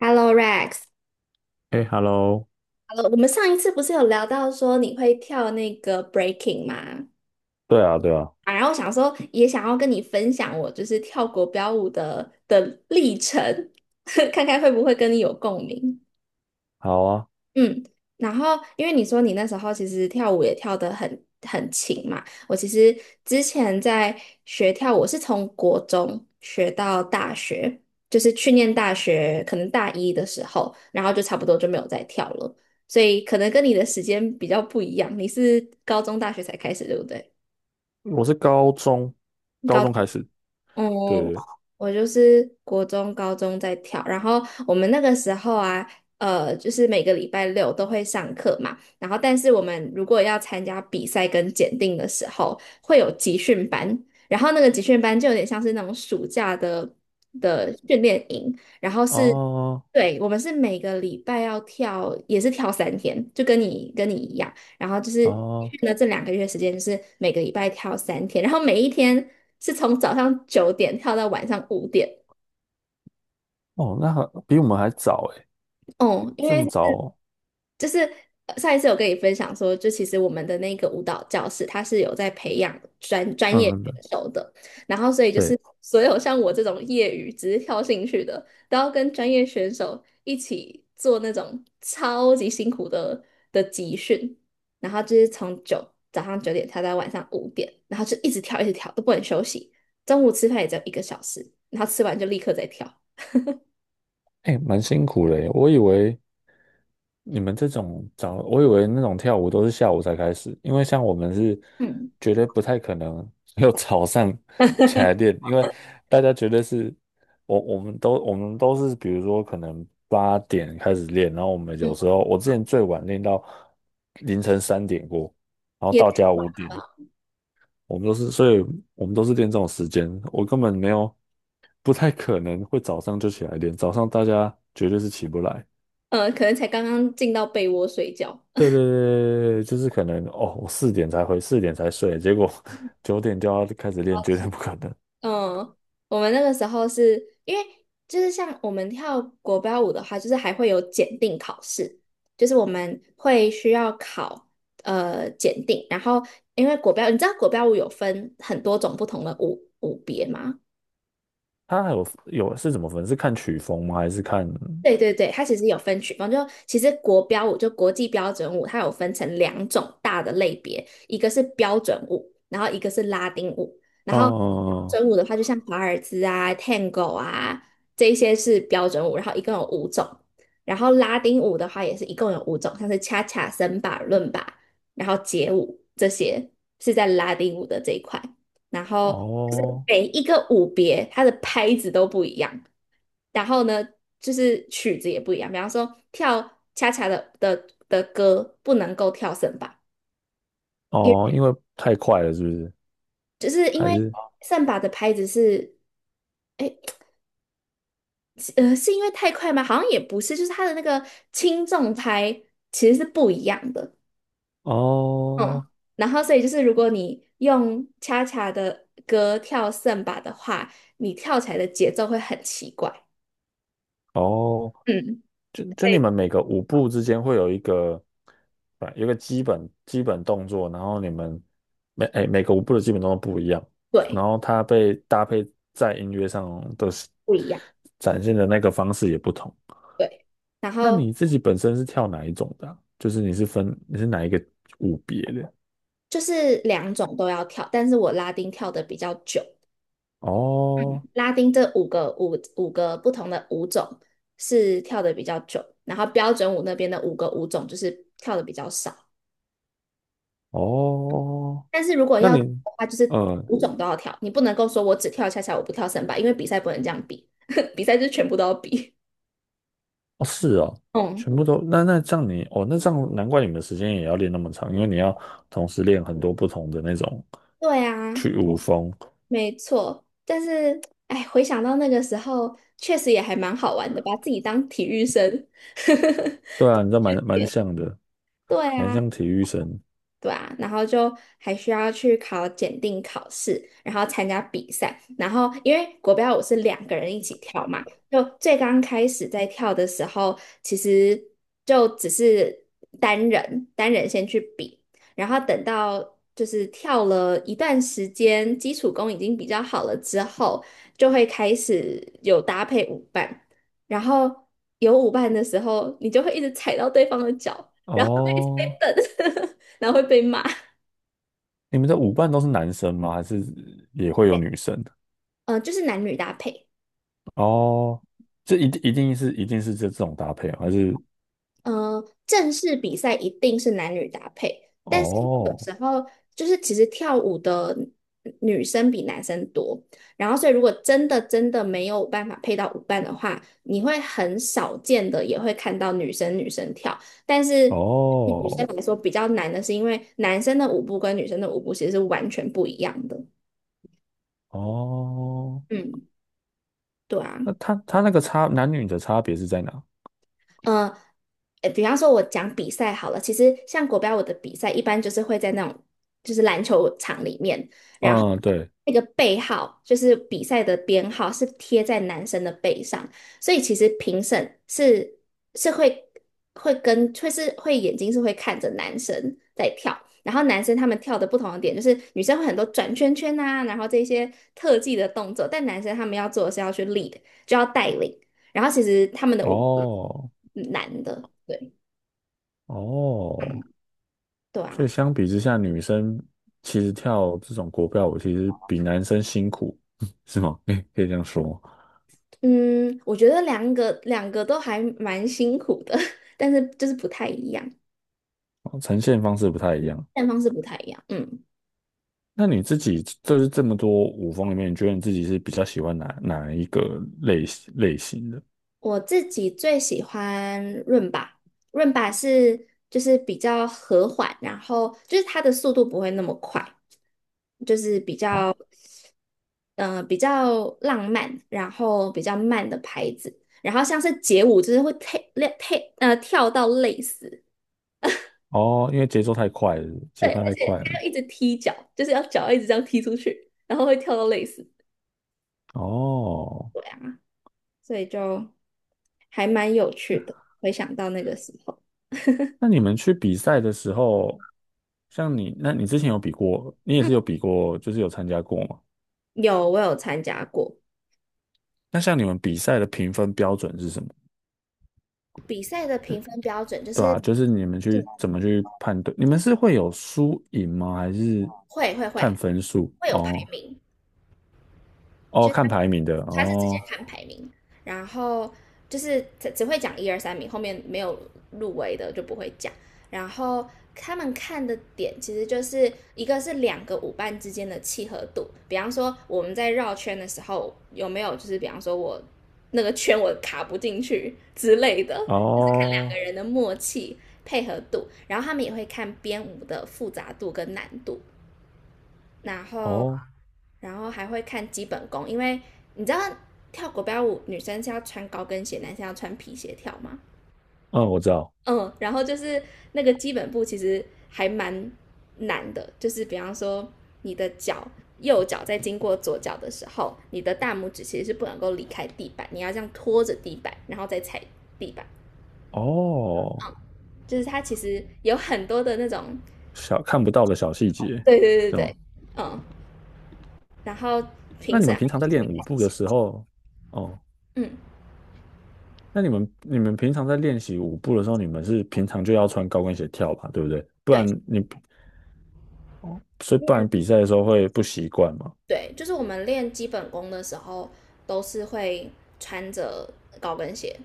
Hello Rex,Hello,哎，Hello，我们上一次不是有聊到说你会跳那个 breaking 吗？对啊，对啊，啊，然后我想说也想要跟你分享我就是跳国标舞的历程，看看会不会跟你有共鸣。好啊，嗯，然后因为你说你那时候其实跳舞也跳得很勤嘛，我其实之前在学跳舞，我是从国中学到大学，就是去念大学，可能大一的时候，然后就差不多就没有再跳了，所以可能跟你的时间比较不一样，你是高中大学才开始，对不对？我是高中，高高。中开始。嗯，对对，我就是国中、高中在跳，然后我们那个时候啊，就是每个礼拜六都会上课嘛，然后但是我们如果要参加比赛跟检定的时候，会有集训班，然后那个集训班就有点像是那种暑假的训练营，然后是，哦对，我们是每个礼拜要跳，也是跳三天，就跟你一样。然后就是哦去了这两个月时间，就是每个礼拜跳三天，然后每一天是从早上九点跳到晚上五点。哦，那还比我们还早哎，哦，因这为么早哦，就是上一次有跟你分享说，就其实我们的那个舞蹈教室，它是有在培养专业选嗯，手的，然后所以就是对，所有像我这种业余只是跳兴趣的，都要跟专业选手一起做那种超级辛苦的集训，然后就是早上九点跳到晚上五点，然后就一直跳一直跳都不能休息，中午吃饭也只有一个小时，然后吃完就立刻再跳，哎，蛮辛苦嘞，我以为那种跳舞都是下午才开始，因为像我们是嗯绝对不太可能 有早上起来练，因为大家绝对是，我们都是，比如说可能8点开始练，然后我们嗯，有时候我之前最晚练到凌晨3点过，然后到也家5点，我们都是，所以我们都是练这种时间，我根本没有，不太可能会早上就起来练，早上大家绝对是起不来。可能才刚刚进到被窝睡觉。对对对对，对，就是可能哦，我四点才回，四点才睡，结果 9点就要开始练，绝对不可能。嗯，我们那个时候是因为就是像我们跳国标舞的话，就是还会有检定考试，就是我们会需要考检定，然后因为国标，你知道国标舞有分很多种不同的舞别吗？他还有是怎么分？是看曲风吗？还是看？嗯对对对，它其实有分曲风，就其实国标舞就国际标准舞，它有分成两种大的类别，一个是标准舞，然后一个是拉丁舞。然后标准舞的话，就像华尔兹啊、Tango 啊这一些是标准舞，然后一共有五种。然后拉丁舞的话也是一共有五种，像是恰恰、森巴、伦巴，然后街舞这些是在拉丁舞的这一块。然后就是哦每一个舞别，它的拍子都不一样。然后呢，就是曲子也不一样，比方说跳恰恰的歌不能够跳圣巴，因为哦，因为太快了，是不是？就是因还为是圣巴的拍子是，哎，是因为太快吗？好像也不是，就是它的那个轻重拍其实是不一样的，嗯，哦然后所以就是如果你用恰恰的歌跳圣巴的话，你跳起来的节奏会很奇怪，哦嗯，就你对们每个舞步之间会有一个，啊，有一个基本动作，然后你们每个舞步的基本动作不一样，对，然后它被搭配在音乐上的是不一样，展现的那个方式也不同。对，然那后你自己本身是跳哪一种的啊就是你是哪一个舞别的？就是两种都要跳，但是我拉丁跳的比较久。嗯，哦拉丁这五个不同的舞种是跳的比较久，然后标准舞那边的五个舞种就是跳的比较少。哦，但是如果那要的你，话，就是嗯、五种都要跳，你不能够说我只跳恰恰，我不跳森巴，因为比赛不能这样比，比赛就是全部都要比。哦，是哦，嗯，全部都那这样你哦，那这样难怪你们的时间也要练那么长，因为你要同时练很多不同的那种对啊，去舞风。没错。但是，哎，回想到那个时候，确实也还蛮好玩的，把自己当体育生。对啊，你这蛮像的，对蛮啊。像体育生对啊，然后就还需要去考检定考试，然后参加比赛，然后因为国标舞是两个人一起跳嘛，就最刚开始在跳的时候，其实就只是单人先去比，然后等到就是跳了一段时间，基础功已经比较好了之后，就会开始有搭配舞伴，然后有舞伴的时候，你就会一直踩到对方的脚，然后就一直被哦。蹬。然后会被骂。你们的舞伴都是男生吗？还是也会有女生？就是男女搭配。哦，这一定是这种搭配哦，还是正式比赛一定是男女搭配，但是因为有哦时候就是其实跳舞的女生比男生多，然后所以如果真的真的没有办法配到舞伴的话，你会很少见的也会看到女生跳，但是对女生哦来说比较难的是因为男生的舞步跟女生的舞步其实是完全不一样的。哦？嗯，对啊。那他那个差男女的差别是在哪？嗯，比方说我讲比赛好了，其实像国标舞的比赛，一般就是会在那种就是篮球场里面，然后嗯，对，那个背号就是比赛的编号是贴在男生的背上，所以其实评审是是会会跟会是会眼睛是会看着男生在跳，然后男生他们跳的不同的点就是女生会很多转圈圈啊，然后这些特技的动作，但男生他们要做的是要去 lead,就要带领，然后其实他们的舞。哦难的。对，哦对所啊，以相比之下，女生其实跳这种国标舞其实比男生辛苦，是吗？可以这样说吗嗯，我觉得两个都还蛮辛苦的，但是就是不太一样，哦呈现方式不太一样。但方式不太一样。嗯，那你自己就是这么多舞风里面，你觉得你自己是比较喜欢哪一个类型的？我自己最喜欢润吧，润吧是就是比较和缓，然后就是它的速度不会那么快，就是比哦较嗯、比较浪漫，然后比较慢的拍子，然后像是街舞就是会跳跳到累死，哦，因为节奏太快了，节对，而拍太且快了。他要一直踢脚，就是要脚一直这样踢出去，然后会跳到累死。哦，对啊，所以就还蛮有趣的。回想到那个时候，那你们去比赛的时候，像你，那你之前有比过，你也是有比过，就是有参加过吗？有我有参加过那像你们比赛的评分标准是什么？比赛的评分标准就对是，啊，就是你们去嗯，怎么去判断？你们是会有输赢吗？还是会会会看分数？会有排哦名，哦，就是看排名的他是直接哦看排名，然后就是只会讲一二三名，后面没有入围的就不会讲。然后他们看的点其实就是一个是两个舞伴之间的契合度，比方说我们在绕圈的时候有没有就是比方说我那个圈我卡不进去之类的，两个哦人的默契配合度，然后他们也会看编舞的复杂度跟难度，然后哦，还会看基本功，因为你知道跳国标舞女生是要穿高跟鞋，男生要穿皮鞋跳吗？嗯，我知道嗯，然后就是那个基本步其实还蛮难的，就是比方说你的脚右脚在经过左脚的时候，你的大拇指其实是不能够离开地板，你要这样拖着地板，然后再踩地板。哦，嗯，就是它其实有很多的那种，看不到的小细节，对对对是对，吗？嗯，然后那评你审们还平常们在就是会练舞看这步的些，时候，哦，嗯，那你们平常在练习舞步的时候，你们是平常就要穿高跟鞋跳吧，对不对？不对，然你哦，所以你不有然比赛的时候会不习惯嘛？对，就是我们练基本功的时候，都是会穿着高跟鞋，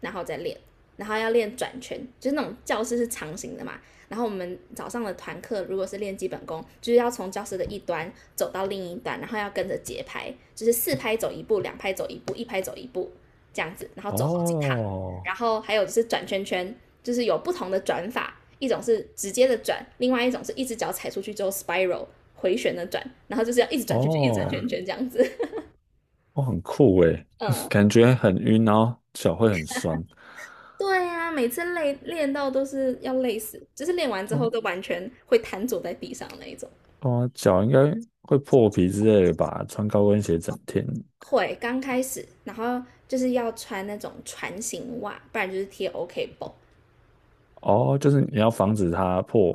然后再练，然后要练转圈，就是那种教室是长形的嘛。然后我们早上的团课如果是练基本功，就是要从教室的一端走到另一端，然后要跟着节拍，就是四拍走一步，两拍走一步，一拍走一步这样子，然后走好几趟。然哦后还有就是转圈圈，就是有不同的转法，一种是直接的转，另外一种是一只脚踩出去之后 spiral 回旋的转，然后就是要一直转圈圈，一直转哦。圈圈这样子。哦，很酷诶，嗯，感觉很晕，然后脚会很酸。对呀，每次练到都是要累死，就是练完之对后啊，都完全会瘫坐在地上那一种。对啊，脚应该会破皮之类的吧？穿高跟鞋整天，会刚开始，然后就是要穿那种船型袜，不然就是贴 OK 绷。哦，就是你要防止它破，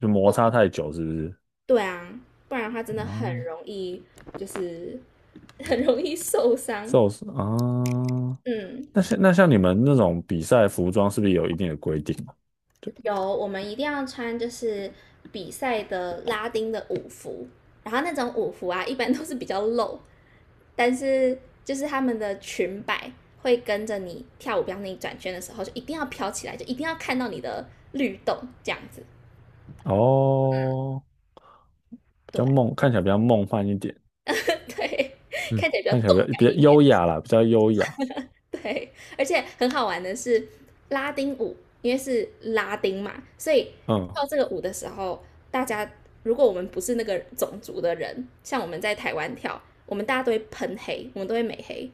就摩擦太久，是不是？对啊，不然的话真的很哦，容易，就是 很容易受伤。受伤啊。嗯，那像你们那种比赛服装，是不是有一定的规定啊对，有，我们一定要穿就是比赛的拉丁的舞服，然后那种舞服啊，一般都是比较露，但是就是他们的裙摆会跟着你跳舞，比方你转圈的时候，就一定要飘起来，就一定要看到你的律动这样子。哦，比对 较梦，看起来比较梦幻一点，对，嗯，看起来比较看起来动比较感比较一点。优雅啦，比较优雅。对，而且很好玩的是拉丁舞，因为是拉丁嘛，所以嗯，跳这个舞的时候，大家如果我们不是那个种族的人，像我们在台湾跳，我们大家都会喷黑，我们都会美黑。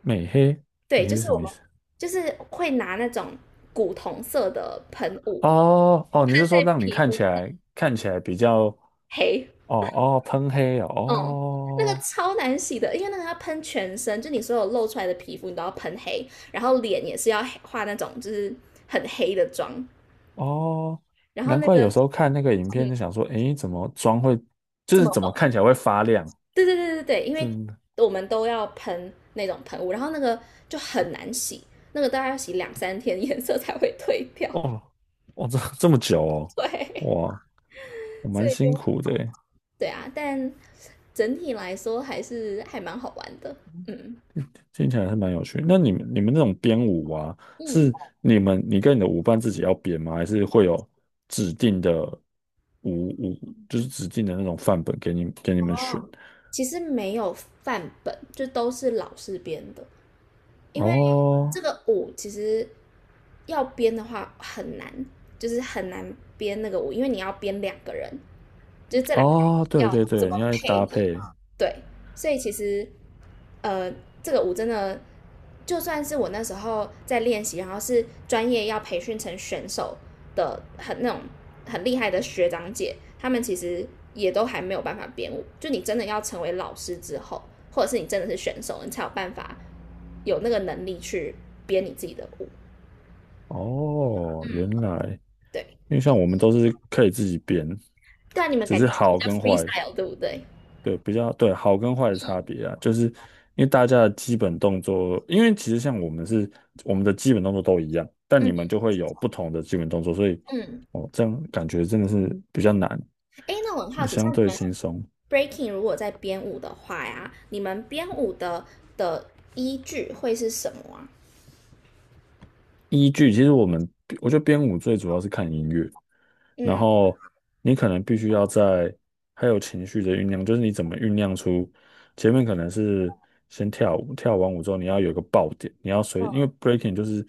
美黑，对，美就黑是是什我么意们思？就是会拿那种古铜色的喷雾哦哦，你喷是说在让你皮看肤起上来看起来比较黑，哦哦喷黑哦嗯，那个哦超难洗的，因为那个要喷全身，就你所有露出来的皮肤你都要喷黑，然后脸也是要黑画那种就是很黑的妆，哦，然后难那怪个有时候看那个影嗯片就想说，诶，这么怎么厚，看起来会发亮？对对对对对，因为真的我们都要喷那种喷雾，然后那个就很难洗，那个大概要洗两三天，颜色才会褪掉。哦哦，这么久哦，对，哇，我 所蛮以就辛苦的诶，对啊，但整体来说还是还蛮好玩的。嗯听起来还是蛮有趣。那你们那种编舞啊，嗯，是你跟你的舞伴自己要编吗？还是会有指定的舞，就是指定的那种范本给你们选？哦，其实没有范本，就都是老师编的，因为哦，这个舞其实要编的话很难，就是很难编那个舞，因为你要编两个人，就是这两个哦，对要对怎对，你么要搭配。配。对，所以其实呃，这个舞真的，就算是我那时候在练习，然后是专业要培训成选手的很那种很厉害的学长姐，他们其实也都还没有办法编舞。就你真的要成为老师之后，或者是你真的是选手，你才有办法有那个能力去编你自己的舞。哦，原来，对，因为像我们都是可以自己编，对啊，你们只感是觉是比好较 跟坏，freestyle，对不对？对，比较，对，好跟坏的差别啊，就是因为大家的基本动作，因为其实像我们的基本动作都一样，但嗯你们就会有不同的基本动作，所以嗯，哦，这样感觉真的是比较难，哎，那我很我好们奇，像相你对们 轻松。breaking 如果在编舞的话呀，你们编舞的的依据会是什么啊？依据，其实我觉得编舞最主要是看音乐，然嗯后你可能必须要在还有情绪的酝酿，就是你怎么酝酿出前面可能是先跳舞，跳完舞之后你要有一个爆点，你要随，嗯，因为 breaking 就是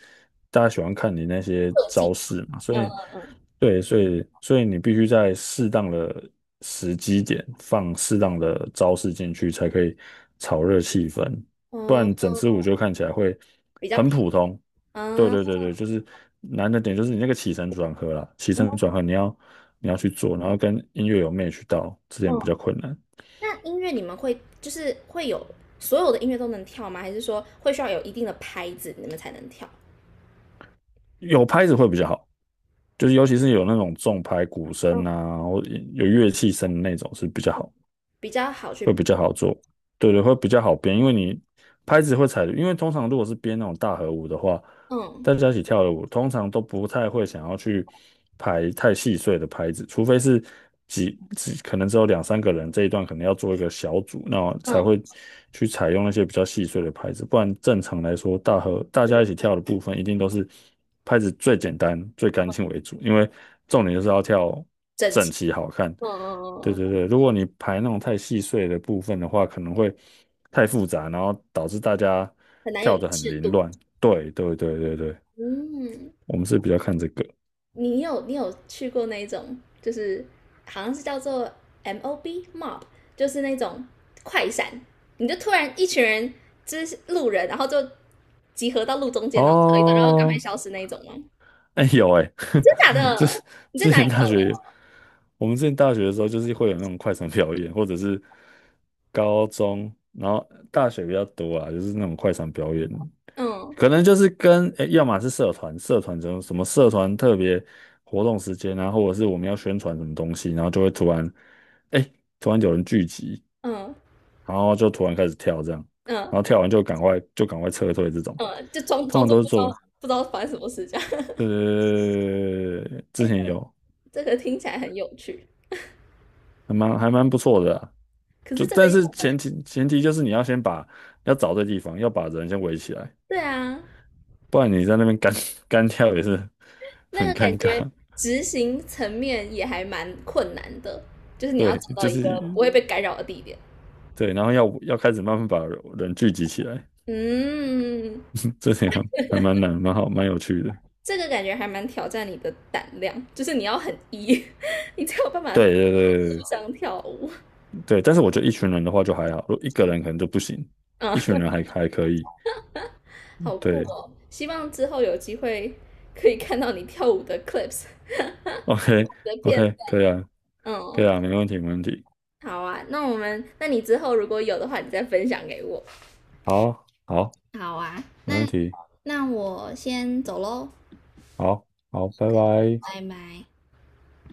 大家喜欢看你那些特技，招式嘛，所嗯以嗯对，所以你必须在适当的时机点放适当的招式进去，才可以炒热气氛。不嗯嗯然整支舞就嗯，看起来会比较很平，普通，对嗯对对对，就是难的点就是你那个起承转合啦，起承嗯转合你要去做，然后跟音乐有 match 到，这点比较嗯。困难。那音乐你们会就是会有所有的音乐都能跳吗？还是说会需要有一定的拍子你们才能跳？有拍子会比较好，就是尤其是有那种重拍鼓嗯，声啊，或有乐器声的那种是比较好。比较好去会编，比较好做，对对，会比较好编，因为你拍子会踩，因为通常如果是编那种大合舞的话，嗯大家一起跳的舞，通常都不太会想要去排太细碎的拍子，除非是可能只有两三个人这一段可能要做一个小组，那才嗯，会去采用那些比较细碎的拍子，不然正常来说，大家一起跳的部分一定都是拍子最简单、最干净为主，因为重点就是要跳整整齐，齐好看。嗯嗯嗯对嗯，对对，如果你排那种太细碎的部分的话，可能会太复杂，然后导致大家很难有跳一得很致凌度。乱。对对对对对，嗯，我们是比较看这个你有去过那一种，就是好像是叫做 MOB mob，就是那种快闪，你就突然一群人就是路人，然后就集合到路中间，然后跳一段，然后赶快哦。消失那一种吗？哎有哎，真假 这的？你在之哪里前大跳的？学，我们之前大学的时候，就是会有那种快闪表演，或者是高中，然后大学比较多啊，就是那种快闪表演。嗯可能就是跟，诶要么是社团，社团这种什么社团特别活动时间啊，或者是我们要宣传什么东西，然后就会突然，哎，突然有人聚集，嗯然后就突然开始跳这样，嗯然后跳完就赶快撤退这种，嗯，就装通装常作都是不知道做，不知道发生什么事这样。呃，之哎，前有这个听起来很有趣，还蛮不错的啊可就是这个但要是前提就是你要先把要找对地方，要把人先围起来，对啊，不然你在那边干 干跳也是那个很感尴觉尬。执行层面也还蛮困难的，就是你要对，找到就一个不是。会被干扰的地点。对，然后要开始慢慢把人聚集起来，嗯，这点还蛮难，蛮好，蛮有趣的。这个感觉还蛮挑战你的胆量，就是你要很 E，你才有办法对地对对对上跳舞。对，但是我觉得一群人的话就还好，如果一个人可能就不行，一群嗯，人还可以。好酷对哦！希望之后有机会可以看到你跳舞的 clips 你，OK 的片 OK，段。可以啊，可以嗯，啊，没问题没问题。好啊，那我们，那你之后如果有的话，你再分享给我。好，好，好啊，没问那题，那我先走喽，好，好，拜拜。拜拜。